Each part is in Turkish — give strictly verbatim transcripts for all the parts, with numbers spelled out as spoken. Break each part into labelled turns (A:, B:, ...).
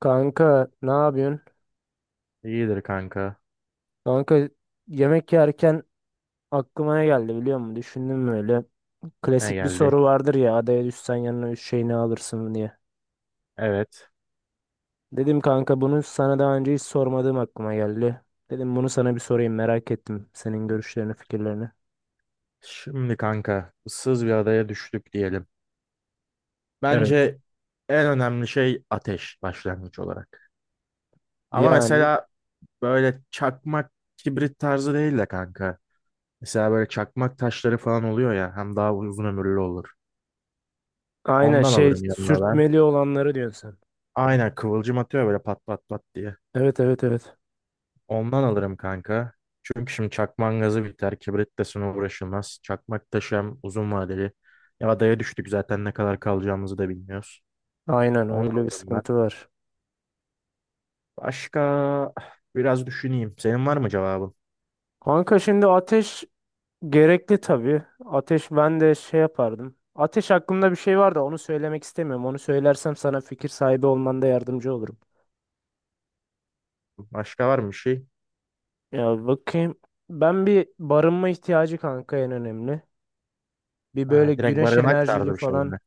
A: Kanka ne yapıyorsun?
B: İyidir kanka.
A: Kanka yemek yerken aklıma ne geldi biliyor musun? Düşündüm böyle.
B: Ne
A: Klasik bir
B: geldi?
A: soru vardır ya, adaya düşsen yanına üç şey ne alırsın diye.
B: Evet.
A: Dedim kanka bunu sana daha önce hiç sormadığım aklıma geldi. Dedim bunu sana bir sorayım, merak ettim senin görüşlerini, fikirlerini.
B: Şimdi kanka ıssız bir adaya düştük diyelim.
A: Evet.
B: Bence en önemli şey ateş başlangıç olarak. Ama
A: Yani
B: mesela böyle çakmak kibrit tarzı değil de kanka. Mesela böyle çakmak taşları falan oluyor ya hem daha uzun ömürlü olur.
A: aynen,
B: Ondan
A: şey,
B: alırım yanıma ben.
A: sürtmeli olanları diyorsun sen.
B: Aynen kıvılcım atıyor böyle pat pat pat diye.
A: Evet, evet, evet.
B: Ondan alırım kanka. Çünkü şimdi çakmağın gazı biter. Kibrit de uğraşılmaz. Çakmak taşı hem uzun vadeli. Ya adaya düştük zaten ne kadar kalacağımızı da bilmiyoruz.
A: Aynen,
B: Onu
A: öyle bir
B: alırım ben.
A: sıkıntı var.
B: Başka biraz düşüneyim. Senin var mı cevabın?
A: Kanka şimdi ateş gerekli tabii. Ateş, ben de şey yapardım. Ateş hakkında bir şey var da onu söylemek istemiyorum. Onu söylersem sana fikir sahibi olmanda yardımcı olurum.
B: Başka var mı bir şey?
A: Ya bakayım. Ben bir barınma ihtiyacı kanka, en önemli. Bir
B: Ha,
A: böyle
B: direkt
A: güneş
B: barınak
A: enerjili
B: tarzı bir şey
A: falan.
B: mi?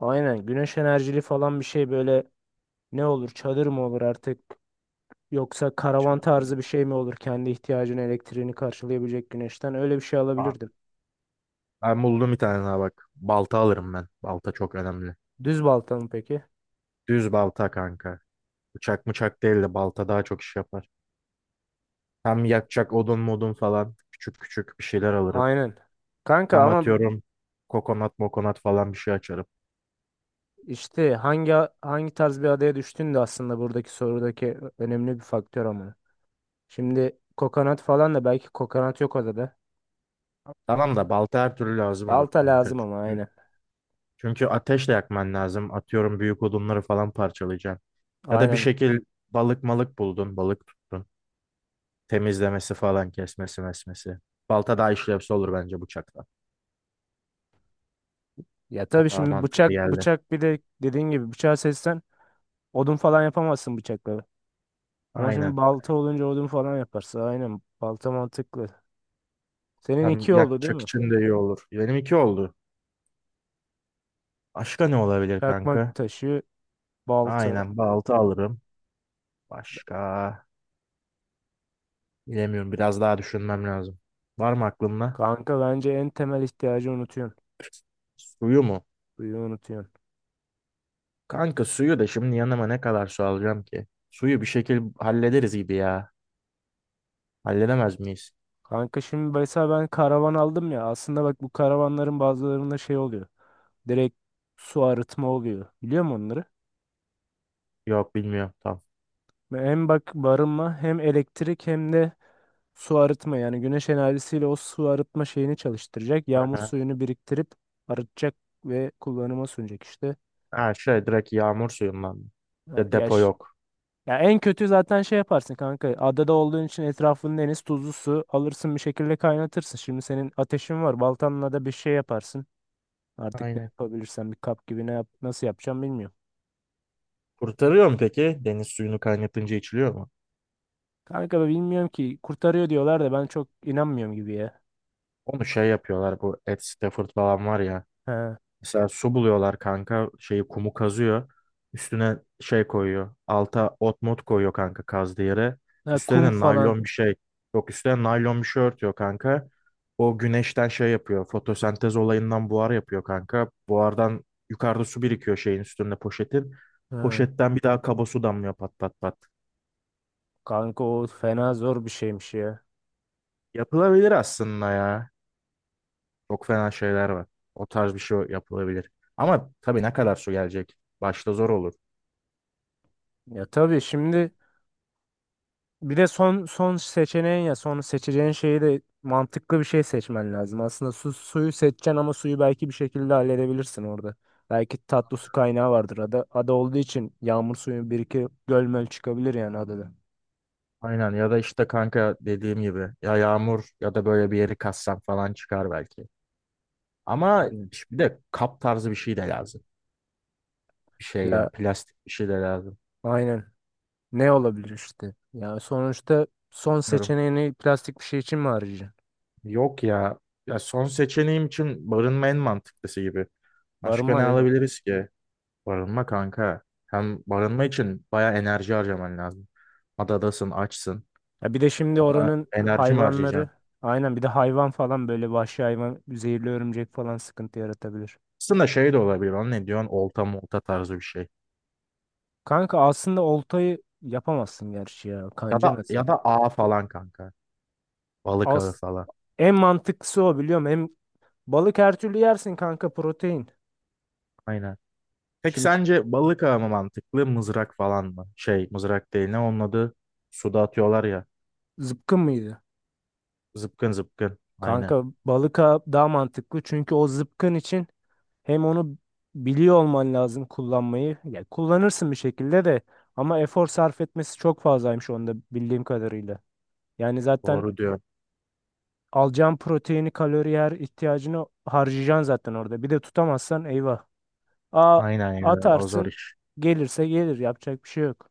A: Aynen, güneş enerjili falan bir şey, böyle ne olur, çadır mı olur artık, yoksa karavan
B: Çankırı.
A: tarzı bir şey mi olur, kendi ihtiyacını, elektriğini karşılayabilecek güneşten öyle bir şey
B: Aa,
A: alabilirdim.
B: ben buldum bir tane daha bak. Balta alırım ben. Balta çok önemli.
A: Düz balta mı peki?
B: Düz balta kanka. Bıçak mıçak değil de balta daha çok iş yapar. Hem yakacak odun modun falan. Küçük küçük bir şeyler alırım.
A: Aynen. Kanka
B: Hem
A: ama
B: atıyorum kokonat mokonat falan bir şey açarım.
A: İşte hangi hangi tarz bir adaya düştüğün de aslında buradaki sorudaki önemli bir faktör ama. Şimdi kokonat falan da, belki kokonat yok adada.
B: Tamam da balta her türlü lazım olur
A: Balta
B: kanka.
A: lazım ama,
B: Çünkü,
A: aynen.
B: çünkü ateşle yakman lazım. Atıyorum büyük odunları falan parçalayacaksın. Ya da bir
A: Aynen.
B: şekil balık malık buldun, balık tuttun. Temizlemesi falan, kesmesi mesmesi. Balta daha işlevsel olur bence bıçakla.
A: Ya
B: O
A: tabii
B: daha
A: şimdi
B: mantıklı
A: bıçak
B: geldi.
A: bıçak bir de dediğin gibi bıçağı seçsen odun falan yapamazsın bıçakla. Ama
B: Aynen.
A: şimdi balta olunca odun falan yaparsın. Aynen. Balta mantıklı. Senin
B: Hem
A: iki oldu değil
B: yakacak
A: mi?
B: için de iyi olur. Benim iki oldu. Başka ne olabilir
A: Çakmak
B: kanka?
A: taşı, balta.
B: Aynen balta alırım. Başka. Bilemiyorum. Biraz daha düşünmem lazım. Var mı aklında?
A: Kanka bence en temel ihtiyacı unutuyorsun.
B: Suyu mu?
A: Suyu unutuyorsun.
B: Kanka suyu da şimdi yanıma ne kadar su alacağım ki? Suyu bir şekil hallederiz gibi ya. Halledemez miyiz?
A: Kanka şimdi mesela ben karavan aldım ya. Aslında bak, bu karavanların bazılarında şey oluyor. Direkt su arıtma oluyor. Biliyor musun onları?
B: Yok bilmiyorum. Tamam.
A: Ve hem bak barınma, hem elektrik, hem de su arıtma. Yani güneş enerjisiyle o su arıtma şeyini çalıştıracak. Yağmur
B: Aha.
A: suyunu biriktirip arıtacak ve kullanıma sunacak işte.
B: Ha şey direkt yağmur suyundan mı?
A: Ha,
B: Ya
A: ya,
B: depo
A: ş-
B: yok.
A: ya en kötü zaten şey yaparsın kanka. Adada olduğun için etrafında deniz, tuzlu su alırsın bir şekilde, kaynatırsın. Şimdi senin ateşin var. Baltanla da bir şey yaparsın. Artık ne
B: Aynen.
A: yapabilirsem, bir kap gibi ne yap, nasıl yapacağım bilmiyorum.
B: Kurtarıyor mu peki? Deniz suyunu kaynatınca içiliyor mu?
A: Kanka da bilmiyorum ki, kurtarıyor diyorlar da ben çok inanmıyorum gibi ya.
B: Onu şey yapıyorlar, bu Ed Stafford falan var ya.
A: He.
B: Mesela su buluyorlar kanka. Şeyi kumu kazıyor. Üstüne şey koyuyor. Alta ot mot koyuyor kanka kazdığı yere.
A: Ha,
B: Üstüne
A: kum
B: de
A: falan.
B: naylon bir şey. Yok üstüne naylon bir şey örtüyor kanka. O güneşten şey yapıyor. Fotosentez olayından buhar yapıyor kanka. Buhardan yukarıda su birikiyor şeyin üstünde poşetin.
A: Ha.
B: Poşetten bir daha kaba su damlıyor pat pat pat.
A: Kanka o fena zor bir şeymiş ya.
B: Yapılabilir aslında ya. Çok fena şeyler var. O tarz bir şey yapılabilir. Ama tabii ne kadar su gelecek? Başta zor olur.
A: Ya tabii şimdi bir de son son seçeneğin, ya son seçeceğin şeyi de mantıklı bir şey seçmen lazım. Aslında su, suyu seçeceksin ama suyu belki bir şekilde halledebilirsin orada. Belki tatlı su kaynağı vardır. Ada, ada olduğu için yağmur suyu, bir iki gölmöl çıkabilir yani adada.
B: Aynen ya da işte kanka dediğim gibi ya yağmur ya da böyle bir yeri kassam falan çıkar belki. Ama
A: Aynen.
B: işte bir de kap tarzı bir şey de lazım. Bir şey ya
A: Ya
B: plastik bir şey de lazım.
A: aynen. Ne olabilir işte? Ya sonuçta son
B: Bilmiyorum.
A: seçeneğini plastik bir şey için mi arayacaksın?
B: Yok ya. Ya son seçeneğim için barınma en mantıklısı gibi. Başka ne
A: Barınma değil mi?
B: alabiliriz ki? Barınma kanka. Hem barınma için baya enerji harcaman lazım. Adadasın, açsın.
A: Ya bir de şimdi
B: Ona
A: oranın
B: enerji mi harcayacaksın?
A: hayvanları, aynen, bir de hayvan falan böyle, vahşi hayvan, zehirli örümcek falan sıkıntı yaratabilir.
B: Aslında şey de olabilir. Onun ne diyorsun? Olta molta tarzı bir şey.
A: Kanka aslında oltayı yapamazsın gerçi ya.
B: Ya
A: Kanca
B: da ya
A: nasıl?
B: da ağ falan kanka. Balık ağı
A: As
B: falan.
A: En mantıklısı o, biliyorum. Hem balık her türlü yersin kanka, protein.
B: Aynen. Peki
A: Şimdi k-
B: sence balık ağı mı mantıklı, mızrak falan mı? Şey, mızrak değil ne onun adı? Suda atıyorlar ya.
A: zıpkın mıydı?
B: Zıpkın zıpkın. Aynen.
A: Kanka balık a- daha mantıklı, çünkü o zıpkın için hem onu biliyor olman lazım, kullanmayı. Ya kullanırsın bir şekilde de, ama efor sarf etmesi çok fazlaymış onda, bildiğim kadarıyla. Yani zaten
B: Doğru diyor.
A: alacağın proteini, kalori, her ihtiyacını harcayacaksın zaten orada. Bir de tutamazsan eyvah. A
B: Aynen ya. O zor
A: Atarsın,
B: iş.
A: gelirse gelir, yapacak bir şey yok.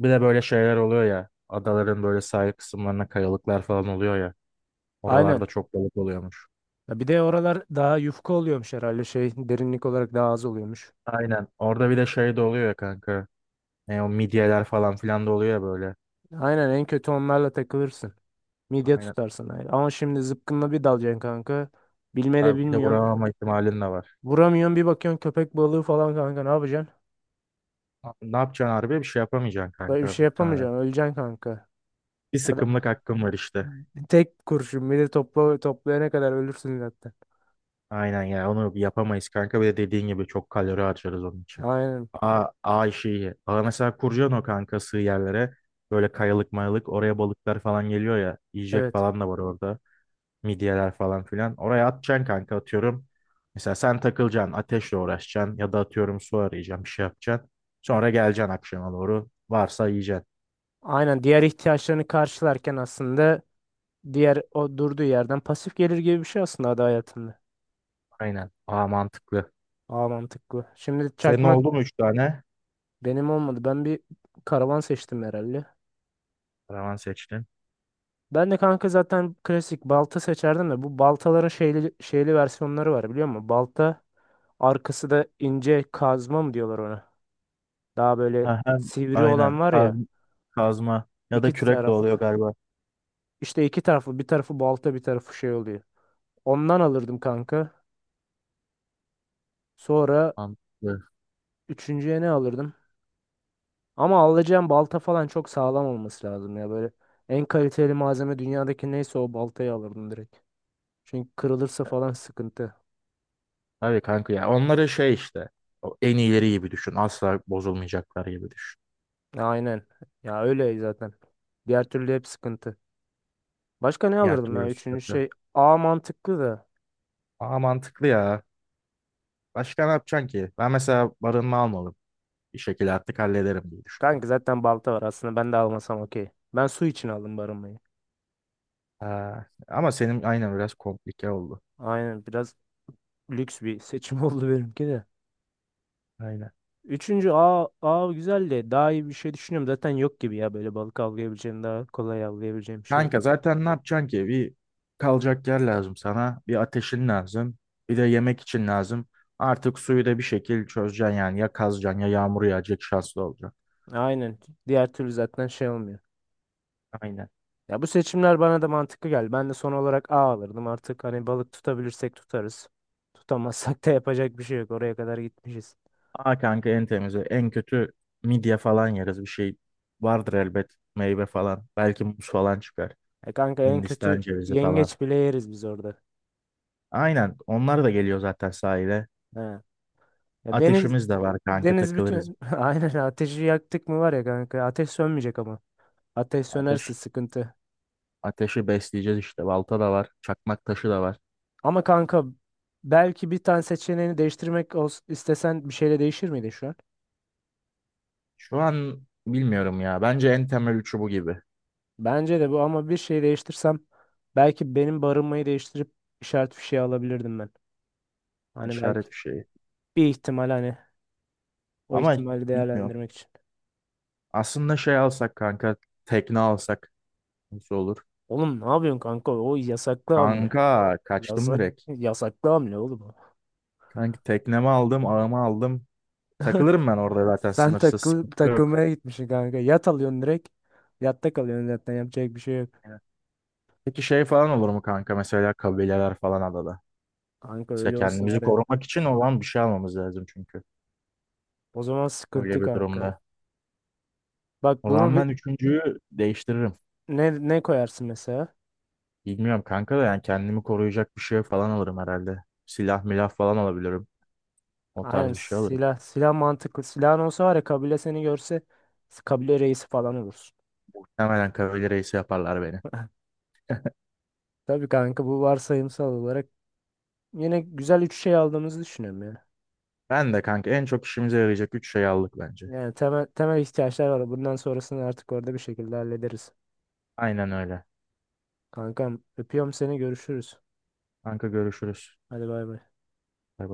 B: Bir de böyle şeyler oluyor ya. Adaların böyle sahil kısımlarına kayalıklar falan oluyor ya.
A: Aynen.
B: Oralarda çok balık oluyormuş.
A: Ya bir de oralar daha yufka oluyormuş herhalde, şey, derinlik olarak daha az oluyormuş.
B: Aynen. Orada bir de şey de oluyor ya kanka. Ne o midyeler falan filan da oluyor ya böyle.
A: Aynen, en kötü onlarla takılırsın. Midye
B: Aynen.
A: tutarsın. Aynen. Ama şimdi zıpkınla bir dalacaksın kanka. Bilme
B: Ha,
A: de
B: bir de
A: bilmiyorsun.
B: vuramama ihtimalin de var.
A: Vuramıyorsun, bir bakıyorsun köpek balığı falan kanka, ne yapacaksın?
B: Ne yapacaksın harbi? Bir şey yapamayacaksın
A: Böyle bir
B: kanka,
A: şey
B: muhtemelen.
A: yapamayacaksın, öleceksin kanka.
B: Bir
A: Adam,
B: sıkımlık hakkım var işte.
A: tek kurşun, bir de topla, toplayana kadar ölürsün zaten.
B: Aynen ya onu yapamayız kanka. Bir de dediğin gibi çok kalori harcarız onun için.
A: Aynen,
B: A, A işi iyi. Aa, mesela kuracaksın o kanka sığ yerlere. Böyle kayalık mayalık oraya balıklar falan geliyor ya. Yiyecek
A: evet.
B: falan da var orada. Midyeler falan filan. Oraya atacaksın kanka atıyorum. Mesela sen takılacaksın ateşle uğraşacaksın. Ya da atıyorum su arayacaksın bir şey yapacaksın. Sonra geleceksin akşama doğru. Varsa yiyeceksin.
A: Aynen, diğer ihtiyaçlarını karşılarken aslında diğer, o durduğu yerden pasif gelir gibi bir şey aslında ada hayatında.
B: Aynen. Aa mantıklı.
A: Aa, mantıklı. Şimdi
B: Senin
A: çakmak
B: oldu mu üç tane?
A: benim olmadı. Ben bir karavan seçtim herhalde.
B: Karavan seçtin.
A: Ben de kanka zaten klasik balta seçerdim de, bu baltaların şeyli, şeyli versiyonları var, biliyor musun? Balta arkası da ince, kazma mı diyorlar ona? Daha böyle
B: Ha, hem
A: sivri olan
B: aynen
A: var
B: kaz,
A: ya,
B: kazma ya
A: iki
B: da kürek de oluyor
A: taraflı.
B: galiba.
A: İşte iki taraflı, bir tarafı balta, bir tarafı şey oluyor. Ondan alırdım kanka. Sonra
B: Mantıklı.
A: üçüncüye ne alırdım? Ama alacağım balta falan çok sağlam olması lazım ya, böyle. En kaliteli malzeme dünyadaki neyse o baltayı alırdım direkt. Çünkü kırılırsa falan sıkıntı.
B: Tabii kanka ya. Onları şey işte. O en iyileri gibi düşün. Asla bozulmayacaklar gibi düşün.
A: Ya, aynen. Ya öyle zaten. Diğer türlü hep sıkıntı. Başka ne
B: Diğer
A: alırdım ya?
B: türlü
A: Üçüncü
B: sıkıntı.
A: şey, A mantıklı da.
B: Aa mantıklı ya. Başka ne yapacaksın ki? Ben mesela barınma almalım. Bir şekilde artık hallederim diye düşünüyorum.
A: Kanka zaten balta var aslında, ben de almasam okey. Ben su için aldım barınmayı.
B: Aa, ama senin aynen biraz komplike oldu.
A: Aynen, biraz lüks bir seçim oldu benimki de.
B: Aynen.
A: Üçüncü, A, A güzel de, daha iyi bir şey düşünüyorum. Zaten yok gibi ya böyle, balık avlayabileceğim, daha kolay avlayabileceğim bir şey
B: Kanka
A: yok.
B: zaten ne yapacaksın ki? Bir kalacak yer lazım sana. Bir ateşin lazım. Bir de yemek için lazım. Artık suyu da bir şekil çözeceksin yani. Ya kazacaksın ya yağmur yağacak şanslı olacaksın.
A: Aynen, diğer türlü zaten şey olmuyor.
B: Aynen.
A: Ya bu seçimler bana da mantıklı geldi. Ben de son olarak A alırdım artık, hani balık tutabilirsek tutarız. Tutamazsak da yapacak bir şey yok, oraya kadar gitmişiz.
B: Aa kanka en temizi. En kötü midye falan yeriz. Bir şey vardır elbet. Meyve falan. Belki muz falan çıkar.
A: Ya kanka en
B: Hindistan
A: kötü
B: cevizi falan.
A: yengeç bile yeriz biz orada.
B: Aynen. Onlar da geliyor zaten sahile.
A: He. Ya deniz
B: Ateşimiz de var kanka
A: deniz
B: takılırız.
A: bütün aynen, ateşi yaktık mı var ya kanka, ateş sönmeyecek ama. Ateş sönerse
B: Ateş.
A: sıkıntı.
B: Ateşi besleyeceğiz işte. Balta da var. Çakmak taşı da var.
A: Ama kanka belki bir tane seçeneğini değiştirmek ols- istesen, bir şeyle değişir miydi şu an?
B: Şu an bilmiyorum ya. Bence en temel üçü bu gibi.
A: Bence de bu, ama bir şey değiştirsem belki benim barınmayı değiştirip işaret fişeği alabilirdim ben. Hani belki
B: İşaret bir şey.
A: bir ihtimal, hani o
B: Ama
A: ihtimali
B: bilmiyorum.
A: değerlendirmek için.
B: Aslında şey alsak kanka. Tekne alsak nasıl olur?
A: Oğlum ne yapıyorsun kanka? O yasaklı hamle.
B: Kanka kaçtım
A: Yasak
B: direkt.
A: Yasaklı hamle oğlum. o.
B: Kanka teknemi aldım, ağımı aldım. Takılırım ben orada zaten
A: Sen
B: sınırsız
A: takıl
B: sıkıntı yok.
A: takılmaya gitmişsin kanka. Yat alıyorsun direkt. Yatta kalıyorsun, zaten yapacak bir şey yok.
B: Evet. Peki şey falan olur mu kanka? Mesela kabileler falan adada.
A: Kanka
B: Mesela
A: öyle olsa
B: kendimizi
A: var ya.
B: korumak için olan bir şey almamız lazım çünkü.
A: O zaman
B: Öyle
A: sıkıntı
B: bir
A: kanka.
B: durumda.
A: Bak
B: O
A: bunu
B: zaman
A: bir,
B: ben üçüncüyü değiştiririm.
A: ne ne koyarsın mesela?
B: Bilmiyorum kanka da yani kendimi koruyacak bir şey falan alırım herhalde. Silah milah falan alabilirim. O
A: Aynen,
B: tarz bir şey alırım.
A: silah silah mantıklı. Silahın olsa var ya, kabile seni görse kabile reisi falan olursun.
B: Muhtemelen kavali reisi yaparlar beni.
A: Tabii kanka, bu varsayımsal olarak yine güzel üç şey aldığımızı düşünüyorum ya.
B: Ben de kanka en çok işimize yarayacak üç şey aldık bence.
A: Yani temel, temel ihtiyaçlar var. Bundan sonrasını artık orada bir şekilde hallederiz.
B: Aynen öyle.
A: Kankam, öpüyorum seni, görüşürüz.
B: Kanka görüşürüz.
A: Hadi bay bay.
B: Bay bay.